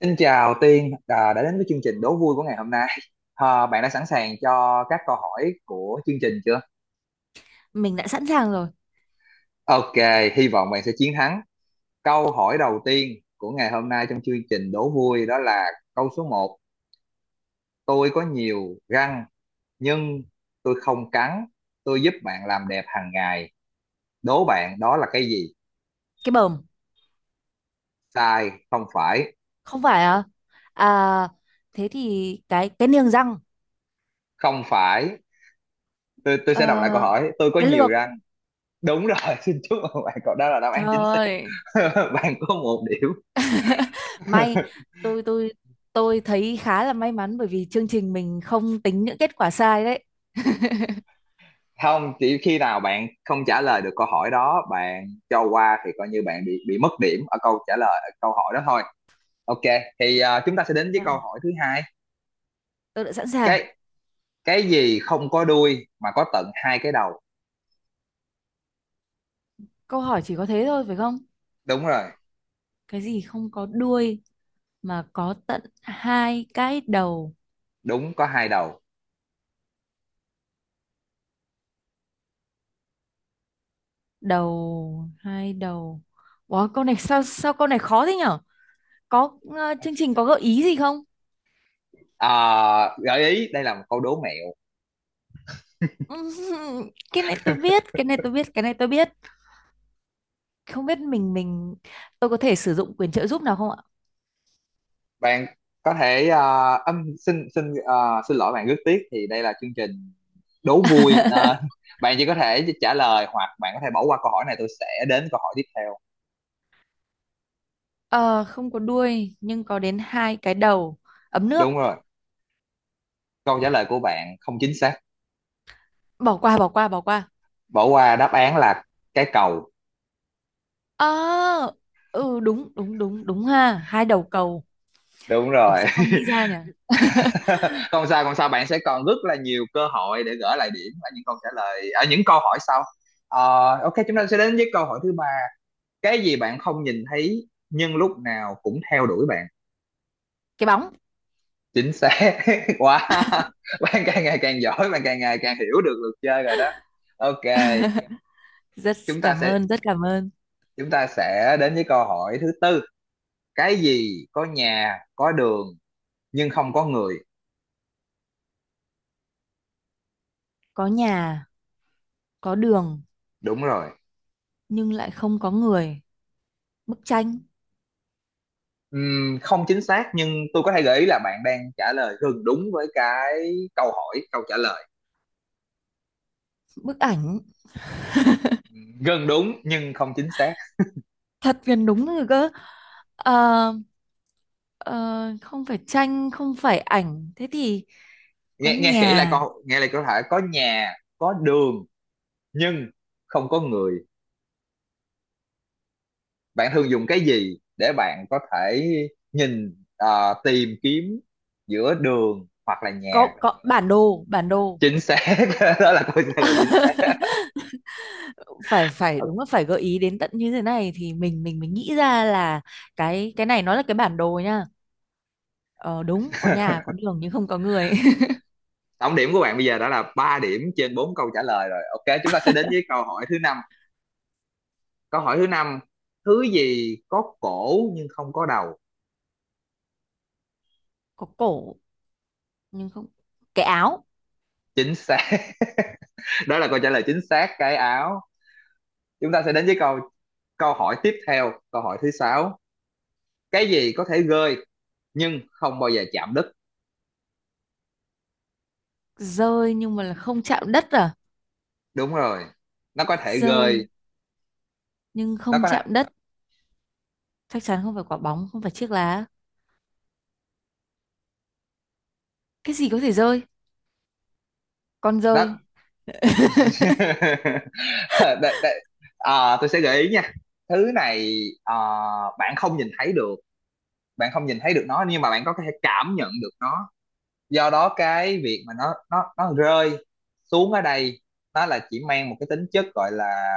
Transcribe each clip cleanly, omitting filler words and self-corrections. Xin chào Tiên, đã đến với chương trình đố vui của ngày hôm nay. À, bạn đã sẵn sàng cho các câu hỏi của chương trình chưa? Mình đã sẵn sàng rồi. Ok, hy vọng bạn sẽ chiến thắng. Câu hỏi đầu tiên của ngày hôm nay trong chương trình đố vui đó là câu số một. Tôi có nhiều răng nhưng tôi không cắn. Tôi giúp bạn làm đẹp hàng ngày. Đố bạn đó là cái gì? Cái bờm. Sai, không phải. Không phải à? À, thế thì cái niềng răng. Không phải. Tôi ờ, sẽ đọc lại câu hỏi. Tôi có cái nhiều lược. răng. Đúng rồi, xin chúc mừng bạn. Cậu đó là đáp Trời án chính xác. ơi. Bạn có 1 điểm. May. Tôi tôi tôi thấy khá là may mắn bởi vì chương trình mình không tính những kết quả sai đấy. Không, chỉ khi nào bạn không trả lời được câu hỏi đó, bạn cho qua thì coi như bạn bị mất điểm ở câu trả lời, ở câu hỏi đó thôi. Ok, thì chúng ta sẽ đến với câu Dạ, hỏi thứ hai. tôi đã sẵn sàng. Cái cái gì không có đuôi mà có tận hai cái đầu? Câu hỏi chỉ có thế thôi phải không? Đúng rồi. Cái gì không có đuôi mà có tận hai cái đầu? Đúng, có hai đầu. Đầu, hai đầu. Wow, câu này sao sao câu này khó thế nhở. Có chương trình có gợi ý gì không? Ờ, Gợi ý đây là một câu đố mẹo. Ừm, cái này tôi biết, cái này tôi biết, cái này tôi biết. Không biết mình. Tôi có thể sử dụng quyền trợ giúp nào không ạ? Bạn có thể ờ, âm xin xin, xin lỗi bạn. Rất tiếc thì đây là chương trình đố vui nên bạn chỉ có thể trả lời hoặc bạn có thể bỏ qua câu hỏi này. Tôi sẽ đến câu hỏi tiếp theo. Ờ, Không có đuôi nhưng có đến hai cái đầu. Ấm nước. Đúng rồi, câu trả lời của bạn không chính xác. Bỏ qua, bỏ qua, bỏ qua. Bỏ qua. Đáp án là cái cầu. Ờ, ừ, đúng đúng đúng đúng, ha, hai đầu cầu. Đúng rồi. Sao không nghĩ ra nhỉ. Không sao, không sao, bạn sẽ còn rất là nhiều cơ hội để gỡ lại điểm ở những câu trả lời, ở những câu hỏi sau. Ok, chúng ta sẽ đến với câu hỏi thứ ba. Cái gì bạn không nhìn thấy nhưng lúc nào cũng theo đuổi bạn? Cái bóng. Chính xác quá. Bạn càng ngày càng giỏi, bạn càng ngày càng hiểu được luật chơi rồi đó. Ok, Rất chúng ta cảm sẽ ơn, rất cảm ơn. chúng ta sẽ đến với câu hỏi thứ tư. Cái gì có nhà, có đường nhưng không có người? Có nhà, có đường Đúng rồi. nhưng lại không có người. Bức tranh. Không chính xác, nhưng tôi có thể gợi ý là bạn đang trả lời gần đúng với cái câu hỏi, câu trả lời. Bức ảnh. Gần đúng nhưng không chính xác. Thật gần đúng rồi cơ. Ờ, ờ, Không phải tranh, không phải ảnh, thế thì có Nghe nghe kỹ lại nhà. Nghe lại câu hỏi. Có nhà, có đường nhưng không có người. Bạn thường dùng cái gì để bạn có thể nhìn, tìm kiếm giữa đường hoặc là nhà? Có bản đồ, bản đồ. Chính xác. Đó là câu trả lời chính xác. Phải phải, Ờ, đúng là phải gợi ý đến tận như thế này thì mình nghĩ ra là cái này nó là cái bản đồ nha. Ờ, Đúng, có nhà có đường nhưng không có người. Tổng điểm của bạn bây giờ đã là 3 điểm trên 4 câu trả lời rồi. Ok, chúng ta sẽ đến với câu hỏi thứ năm. Câu hỏi thứ năm, thứ gì có cổ nhưng không có đầu? Có cổ nhưng không. Cái áo. Chính xác. Đó là câu trả lời chính xác, cái áo. Chúng ta sẽ đến với câu câu hỏi tiếp theo, câu hỏi thứ sáu. Cái gì có thể gơi nhưng không bao giờ chạm đất? Rơi nhưng mà là không chạm đất à? Đúng rồi. Nó có thể Rơi gơi, nhưng nó không có thể, chạm đất. Chắc chắn không phải quả bóng, không phải chiếc lá. Cái gì có thể rơi? Con nó. dơi. Đ- đ- À, tôi sẽ gợi ý nha. Thứ này à, bạn không nhìn thấy được, bạn không nhìn thấy được nó nhưng mà bạn có thể cảm nhận được nó. Do đó cái việc mà nó rơi xuống ở đây, nó là chỉ mang một cái tính chất gọi là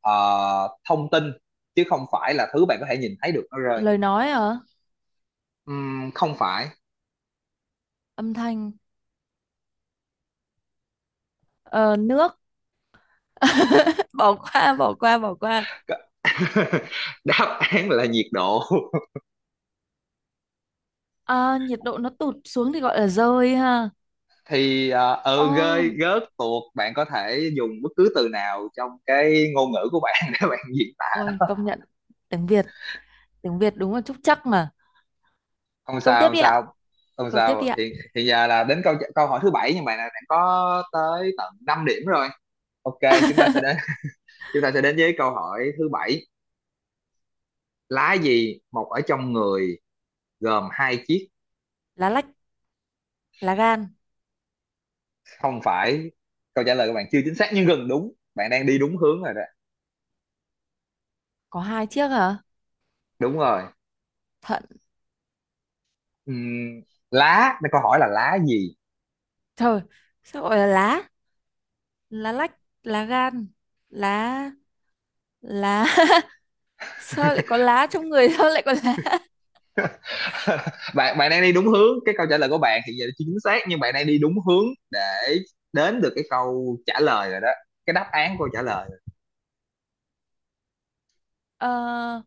ờ, thông tin, chứ không phải là thứ bạn có thể nhìn thấy được nó rơi. Lời nói hả? Không phải. Âm thanh. Ờ, Nước. Bỏ qua, bỏ qua, bỏ qua. Đáp án là nhiệt độ. À, nhiệt độ nó tụt xuống thì gọi là dơi ha. Thì Ồ, ừ, rơi rớt tuột, bạn có thể dùng bất cứ từ nào trong cái ngôn ngữ của bạn để bạn diễn tả. ôi, công nhận tiếng Việt, tiếng Việt đúng là trúc trắc mà. Không Câu sao, tiếp không đi ạ. sao, không Câu tiếp đi sao. ạ. Hiện hiện giờ là đến câu câu hỏi thứ bảy, nhưng mà là bạn đã có tới tận 5 điểm rồi. Ok, chúng ta sẽ đến chúng ta sẽ đến với câu hỏi thứ bảy. Lá gì mọc ở trong người, gồm hai chiếc? Lá lách, lá gan. Không phải, câu trả lời của bạn chưa chính xác nhưng gần đúng, bạn đang đi đúng hướng rồi đó. Có hai chiếc hả? Đúng rồi. Thận. Ừm, lá, câu hỏi là lá gì. Trời, sao gọi là lá? Lá lách, lá gan, lá, lá. Sao lại có lá trong người, sao lại có lá? bạn bạn đang đi đúng hướng, cái câu trả lời của bạn hiện giờ chưa chính xác nhưng bạn đang đi đúng hướng để đến được cái câu trả lời rồi đó, cái đáp án câu trả lời rồi. Ờ,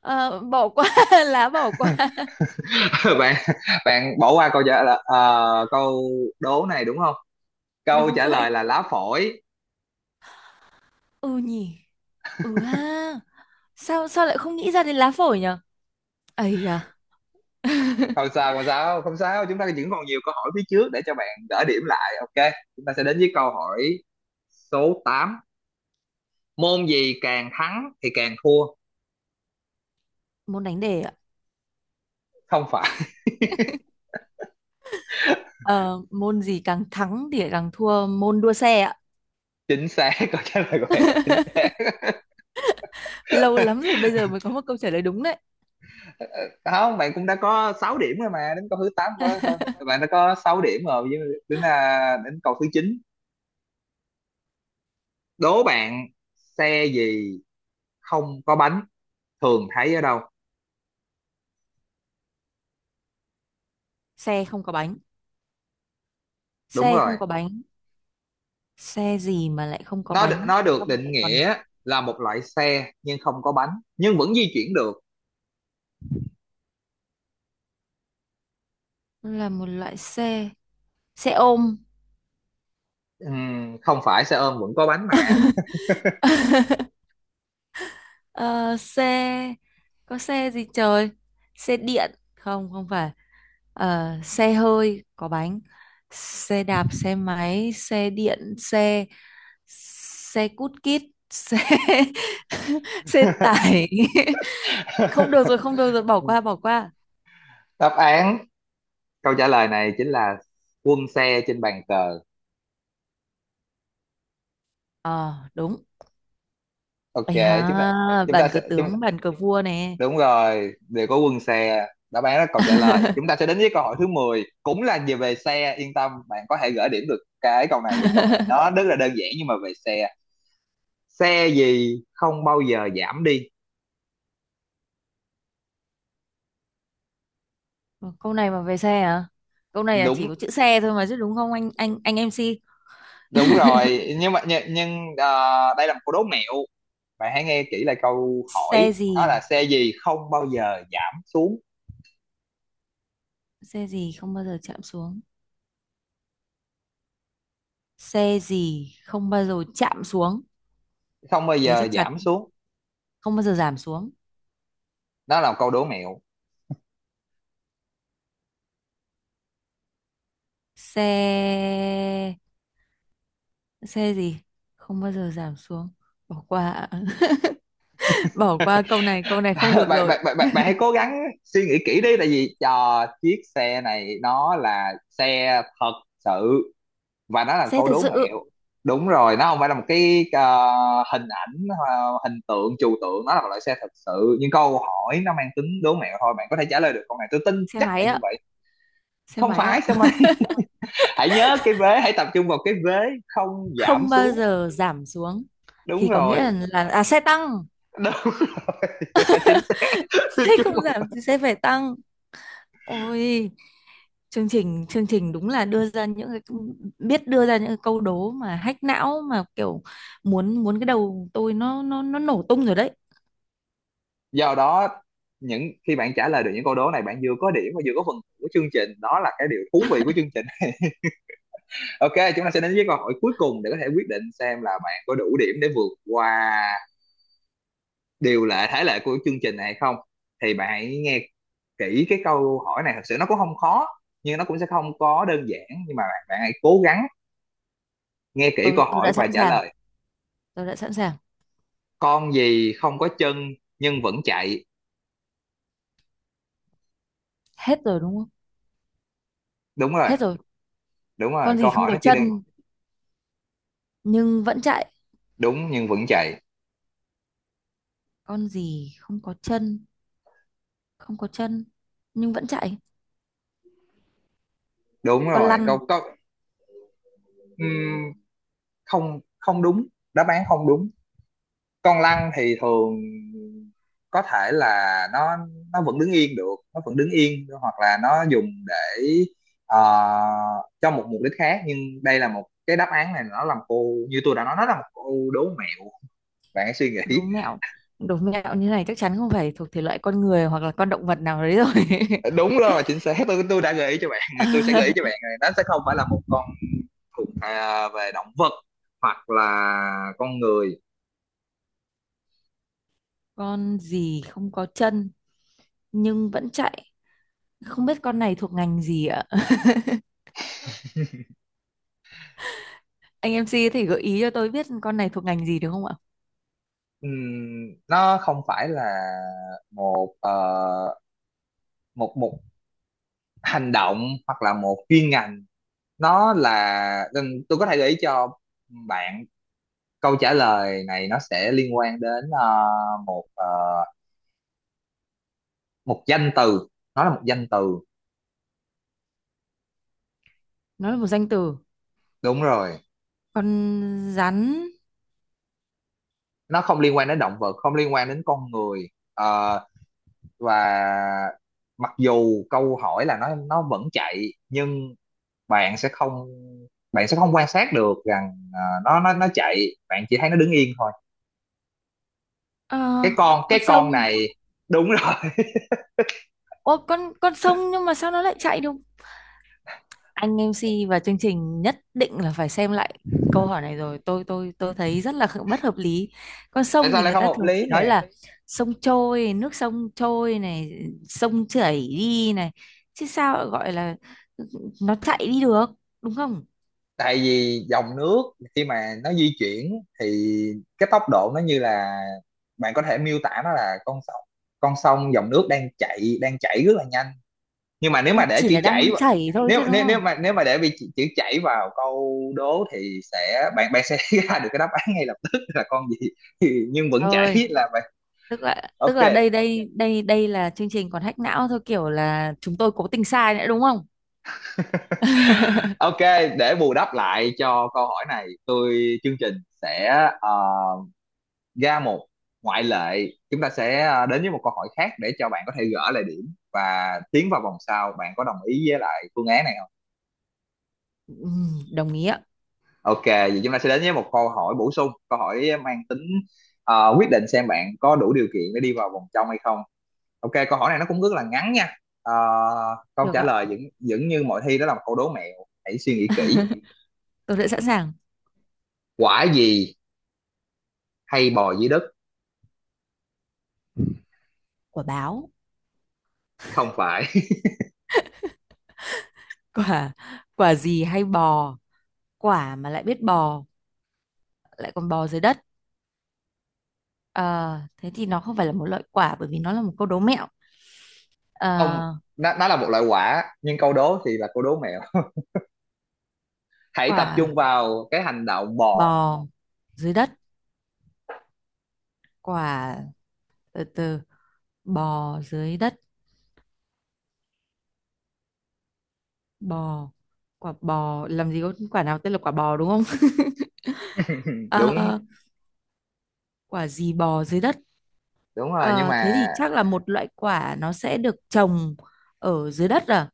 Bỏ qua. Lá, bỏ qua. bạn bạn bỏ qua câu trả lời, câu đố này đúng không? Câu Đúng trả vậy. lời là lá phổi. Ừ nhỉ. Ừ ha. Sao sao lại không nghĩ ra đến lá phổi nhở? Ấy à. Không sao, không sao, không sao. Chúng ta vẫn còn nhiều câu hỏi phía trước để cho bạn gỡ điểm lại. Ok, chúng ta sẽ đến với câu hỏi số tám. Môn gì càng thắng thì càng thua? Môn đánh đề ạ. Không phải. Ờ, Môn gì càng thắng thì lại càng thua, môn đua xe ạ. Chính xác, câu trả lời của bạn chính xác. Lâu lắm rồi bây giờ mới có một câu trả lời đúng đấy. Không, bạn cũng đã có 6 điểm rồi mà đến câu thứ 8 có hơn. Bạn đã có 6 điểm rồi, với đến câu thứ chín. Đố bạn, xe gì không có bánh, thường thấy ở đâu? Xe không có bánh. Đúng Xe rồi. không có bánh. Xe gì mà lại không có nó đ- bánh? nó được Xong rồi định lại còn nghĩa là một loại xe nhưng không có bánh, nhưng vẫn di chuyển được. là một loại xe. Xe ôm. Không phải, xe ôm vẫn có bánh mà. Ờ, Xe, có xe gì trời? Xe điện. Không, không phải. Ờ, xe hơi có bánh, xe đạp, xe máy, xe điện, xe, xe cút kít, xe. Xe tải. Không được rồi, không được rồi, bỏ qua, bỏ qua. Đáp án câu trả lời này chính là quân xe trên bàn cờ. Ờ, đúng. Ok, Ây chúng ta ha, chúng ta bàn cờ tướng, bàn cờ vua nè. đúng rồi, đều có quân xe, đáp án là câu trả lời. Chúng ta sẽ đến với câu hỏi thứ mười, cũng là về về xe. Yên tâm, bạn có thể gỡ điểm được cái câu này vì câu này nó rất là đơn giản, nhưng mà về xe. Xe gì không bao giờ giảm đi? Câu này mà về xe à? Câu này là đúng chỉ có chữ xe thôi mà chứ đúng không anh MC? đúng rồi, nhưng mà đây là một câu đố mẹo. Bạn hãy nghe kỹ lại câu Xe hỏi, đó là gì? xe gì không bao giờ giảm xuống? Xe gì không bao giờ chạm xuống? Xe gì không bao giờ chạm xuống? Không bao Thế giờ chắc chắn giảm xuống. không bao giờ giảm xuống. Đó là một câu đố mẹo. Xe, xe gì không bao giờ giảm xuống? Bỏ qua ạ. Bỏ qua câu này, câu này không bạn được bạn rồi. bạn bạn bạn hãy cố gắng suy nghĩ kỹ đi, tại vì cho chiếc xe này nó là xe thật sự, và nó là Xe câu thật đố sự. mẹo. Đúng rồi, nó không phải là một cái hình ảnh, hình tượng trừu tượng. Nó là một loại xe thật sự nhưng câu hỏi nó mang tính đố mẹo thôi. Bạn có thể trả lời được câu này, tôi tin Xe chắc là máy như ạ. vậy. Xe Không máy phải ạ. sao mai. Hãy nhớ cái vế, hãy tập trung vào cái vế không giảm Không bao xuống. giờ giảm xuống, Đúng thì có nghĩa rồi. là, à, xe tăng. Đúng. Chính xác, xin Xe chúc không mừng. giảm thì xe phải tăng. Ôi, chương trình, chương trình đúng là đưa ra những cái biết đưa ra những cái câu đố mà hack não mà kiểu muốn muốn cái đầu tôi nó nổ tung rồi đấy. Do đó, những khi bạn trả lời được những câu đố này, bạn vừa có điểm và vừa có phần của chương trình, đó là cái điều thú vị của chương trình. Ok, chúng ta sẽ đến với câu hỏi cuối cùng để có thể quyết định xem là bạn có đủ điểm để vượt qua điều lệ, thể lệ của chương trình này hay không. Thì bạn hãy nghe kỹ cái câu hỏi này, thật sự nó cũng không khó nhưng nó cũng sẽ không có đơn giản, nhưng mà bạn hãy cố gắng nghe kỹ tôi câu tôi hỏi đã và sẵn trả sàng. lời. Tôi đã sẵn sàng. Con gì không có chân nhưng vẫn chạy? Hết rồi đúng không? Đúng rồi. Hết rồi. Đúng rồi, Con câu gì không hỏi có nó chỉ đơn. chân nhưng vẫn chạy? Đúng, nhưng vẫn chạy. Con gì không có chân, không có chân nhưng vẫn chạy? Đúng Con rồi, lăn. câu câu. Ừm, không không đúng, đáp án không đúng. Con lăn thì thường có thể là nó vẫn đứng yên được, nó vẫn đứng yên, hoặc là nó dùng để ờ, cho một mục đích khác. Nhưng đây là một cái đáp án, này nó làm cô như tôi đã nói, nó là một cô đố mẹo. Bạn hãy suy Con nghĩ. đố mẹo. Đố mẹo như này chắc chắn không phải thuộc thể loại con người hoặc là con động vật nào đấy rồi. Đúng rồi, chính xác. Tôi đã gợi ý cho bạn. Tôi sẽ gợi ý cho bạn này, nó sẽ không phải là một con về động vật hoặc là con người. Con gì không có chân nhưng vẫn chạy? Không biết con này thuộc ngành gì ạ? Anh em MC có thể gợi ý cho tôi biết con này thuộc ngành gì được không ạ? Nó không phải là một một một hành động hoặc là một chuyên ngành. Nó là tôi có thể gợi ý cho bạn câu trả lời này, nó sẽ liên quan đến một ờ, một danh từ, nó là một danh từ. Nó là một danh từ. Đúng rồi, Con rắn. nó không liên quan đến động vật, không liên quan đến con người. Ờ, và mặc dù câu hỏi là nó vẫn chạy nhưng bạn sẽ không bạn sẽ không quan sát được rằng nó chạy, bạn chỉ thấy nó đứng yên thôi, cái ờ, con cái con sông. con này. Đúng rồi. Ô, con sông nhưng mà sao nó lại chạy được? Anh em MC và chương trình nhất định là phải xem lại câu hỏi này rồi. Tôi thấy rất là bất hợp lý. Con Tại sông sao thì lại người không ta hợp thường lý chỉ nói nè? là sông trôi, nước sông trôi này, sông chảy đi này, chứ sao lại gọi là nó chạy đi được, đúng không? Tại vì dòng nước khi mà nó di chuyển thì cái tốc độ nó như là bạn có thể miêu tả nó là con sông, con sông dòng nước đang chạy đang chảy rất là nhanh. Nhưng mà nếu mà để Chỉ chữ là chảy đang vào- chảy thôi nếu chứ đúng nếu không? Nếu mà để bị chữ chảy vào câu đố thì sẽ bạn bạn sẽ ra được cái đáp án ngay lập tức là con gì. Nhưng vẫn Trời, chảy là bạn. tức là, tức Ok, là đây đây đây đây là chương trình còn hack não thôi, kiểu là chúng tôi cố tình sai nữa đúng không? ok, để bù đắp lại cho câu hỏi này, chương trình sẽ ờ, ra một ngoại lệ. Chúng ta sẽ đến với một câu hỏi khác để cho bạn có thể gỡ lại điểm và tiến vào vòng sau, bạn có đồng ý với lại phương án này không? Ừ, đồng ý ạ. Ok, vậy chúng ta sẽ đến với một câu hỏi bổ sung, câu hỏi mang tính quyết định xem bạn có đủ điều kiện để đi vào vòng trong hay không. Ok, câu hỏi này nó cũng rất là ngắn nha. Ờ, Câu Được trả ạ, lời vẫn vẫn như mọi thi, đó là một câu đố mẹo. Hãy suy nghĩ kỹ. tôi đã sẵn sàng. Quả gì hay bò dưới đất? Quả báo. Không phải. Quả, quả gì hay bò? Quả mà lại biết bò, lại còn bò dưới đất. Ờ, thế thì nó không phải là một loại quả bởi vì nó là một câu đố mẹo. Không, Ờ, nó là một loại quả, nhưng câu đố thì là câu đố mẹo. Hãy tập trung Quả, vào cái hành động bò. bò dưới đất, quả, từ từ, bò dưới đất, bò, quả bò, làm gì có quả nào tên là quả bò đúng không? Đúng, Ờ, quả gì bò dưới đất? đúng rồi, nhưng Ờ, mà thế thì chắc là một loại quả nó sẽ được trồng ở dưới đất à?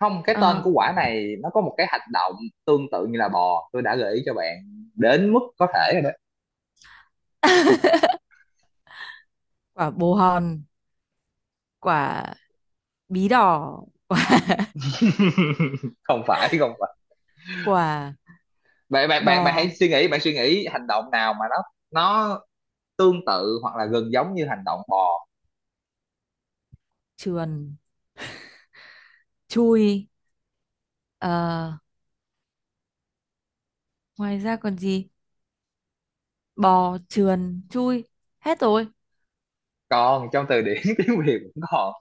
không, cái tên Ờ. của quả này nó có một cái hành động tương tự như là bò. Tôi đã gợi ý cho bạn đến mức có thể rồi đó. Quả bồ hòn, quả bí đỏ, Không phải, không phải. quả, Bạn bạn bạn bạn hãy bò, suy nghĩ, bạn suy nghĩ hành động nào mà nó tương tự hoặc là gần giống như hành động bò. trườn, chui. Ờ, ngoài ra còn gì? Bò, trườn, chui, hết rồi. Còn trong từ điển tiếng Việt vẫn còn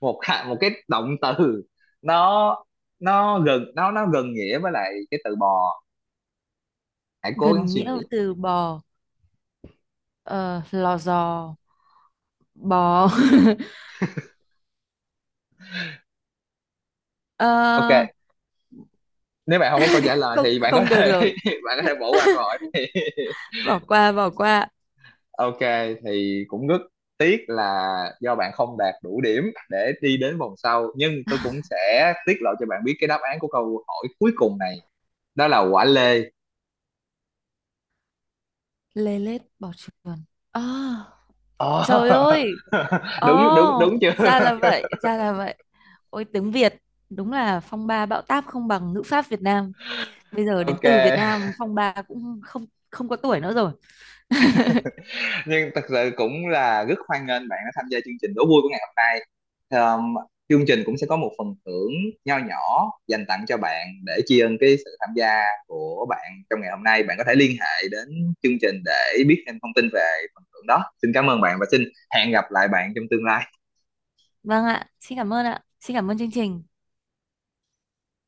một hạ- một cái động từ, nó nó gần nghĩa với lại cái từ bò. Hãy cố gắng Gần suy nghĩa với nghĩ. từ bò. Ờ, lò giò, bò. Ok, Ờ, nếu bạn không có câu trả lời không, thì bạn có không được thể rồi, bạn có thể bỏ qua câu hỏi này. bỏ qua, bỏ qua. Ok, thì cũng rất tiếc là do bạn không đạt đủ điểm để đi đến vòng sau, nhưng tôi cũng sẽ tiết lộ cho bạn biết cái đáp án của câu hỏi cuối cùng này, đó là quả lê. Lê lết, bò, trườn. À, Ờ. trời ơi. Đúng, đúng, Oh, đúng chưa? ra là vậy, ra là vậy. Ôi, tiếng Việt đúng là phong ba bão táp không bằng ngữ pháp Việt Nam. Bây giờ đến Ok. từ Việt Nam. Ok. Phong ba cũng không, không có tuổi nữa rồi. Nhưng thật sự cũng là rất hoan nghênh bạn đã tham gia chương trình đố vui của ngày hôm nay. um, Chương trình cũng sẽ có một phần thưởng nho nhỏ dành tặng cho bạn để tri ân cái sự tham gia của bạn trong ngày hôm nay. Bạn có thể liên hệ đến chương trình để biết thêm thông tin về phần thưởng đó. Xin cảm ơn bạn và xin hẹn gặp lại bạn trong tương lai. Vâng ạ, xin cảm ơn ạ, xin cảm ơn chương trình.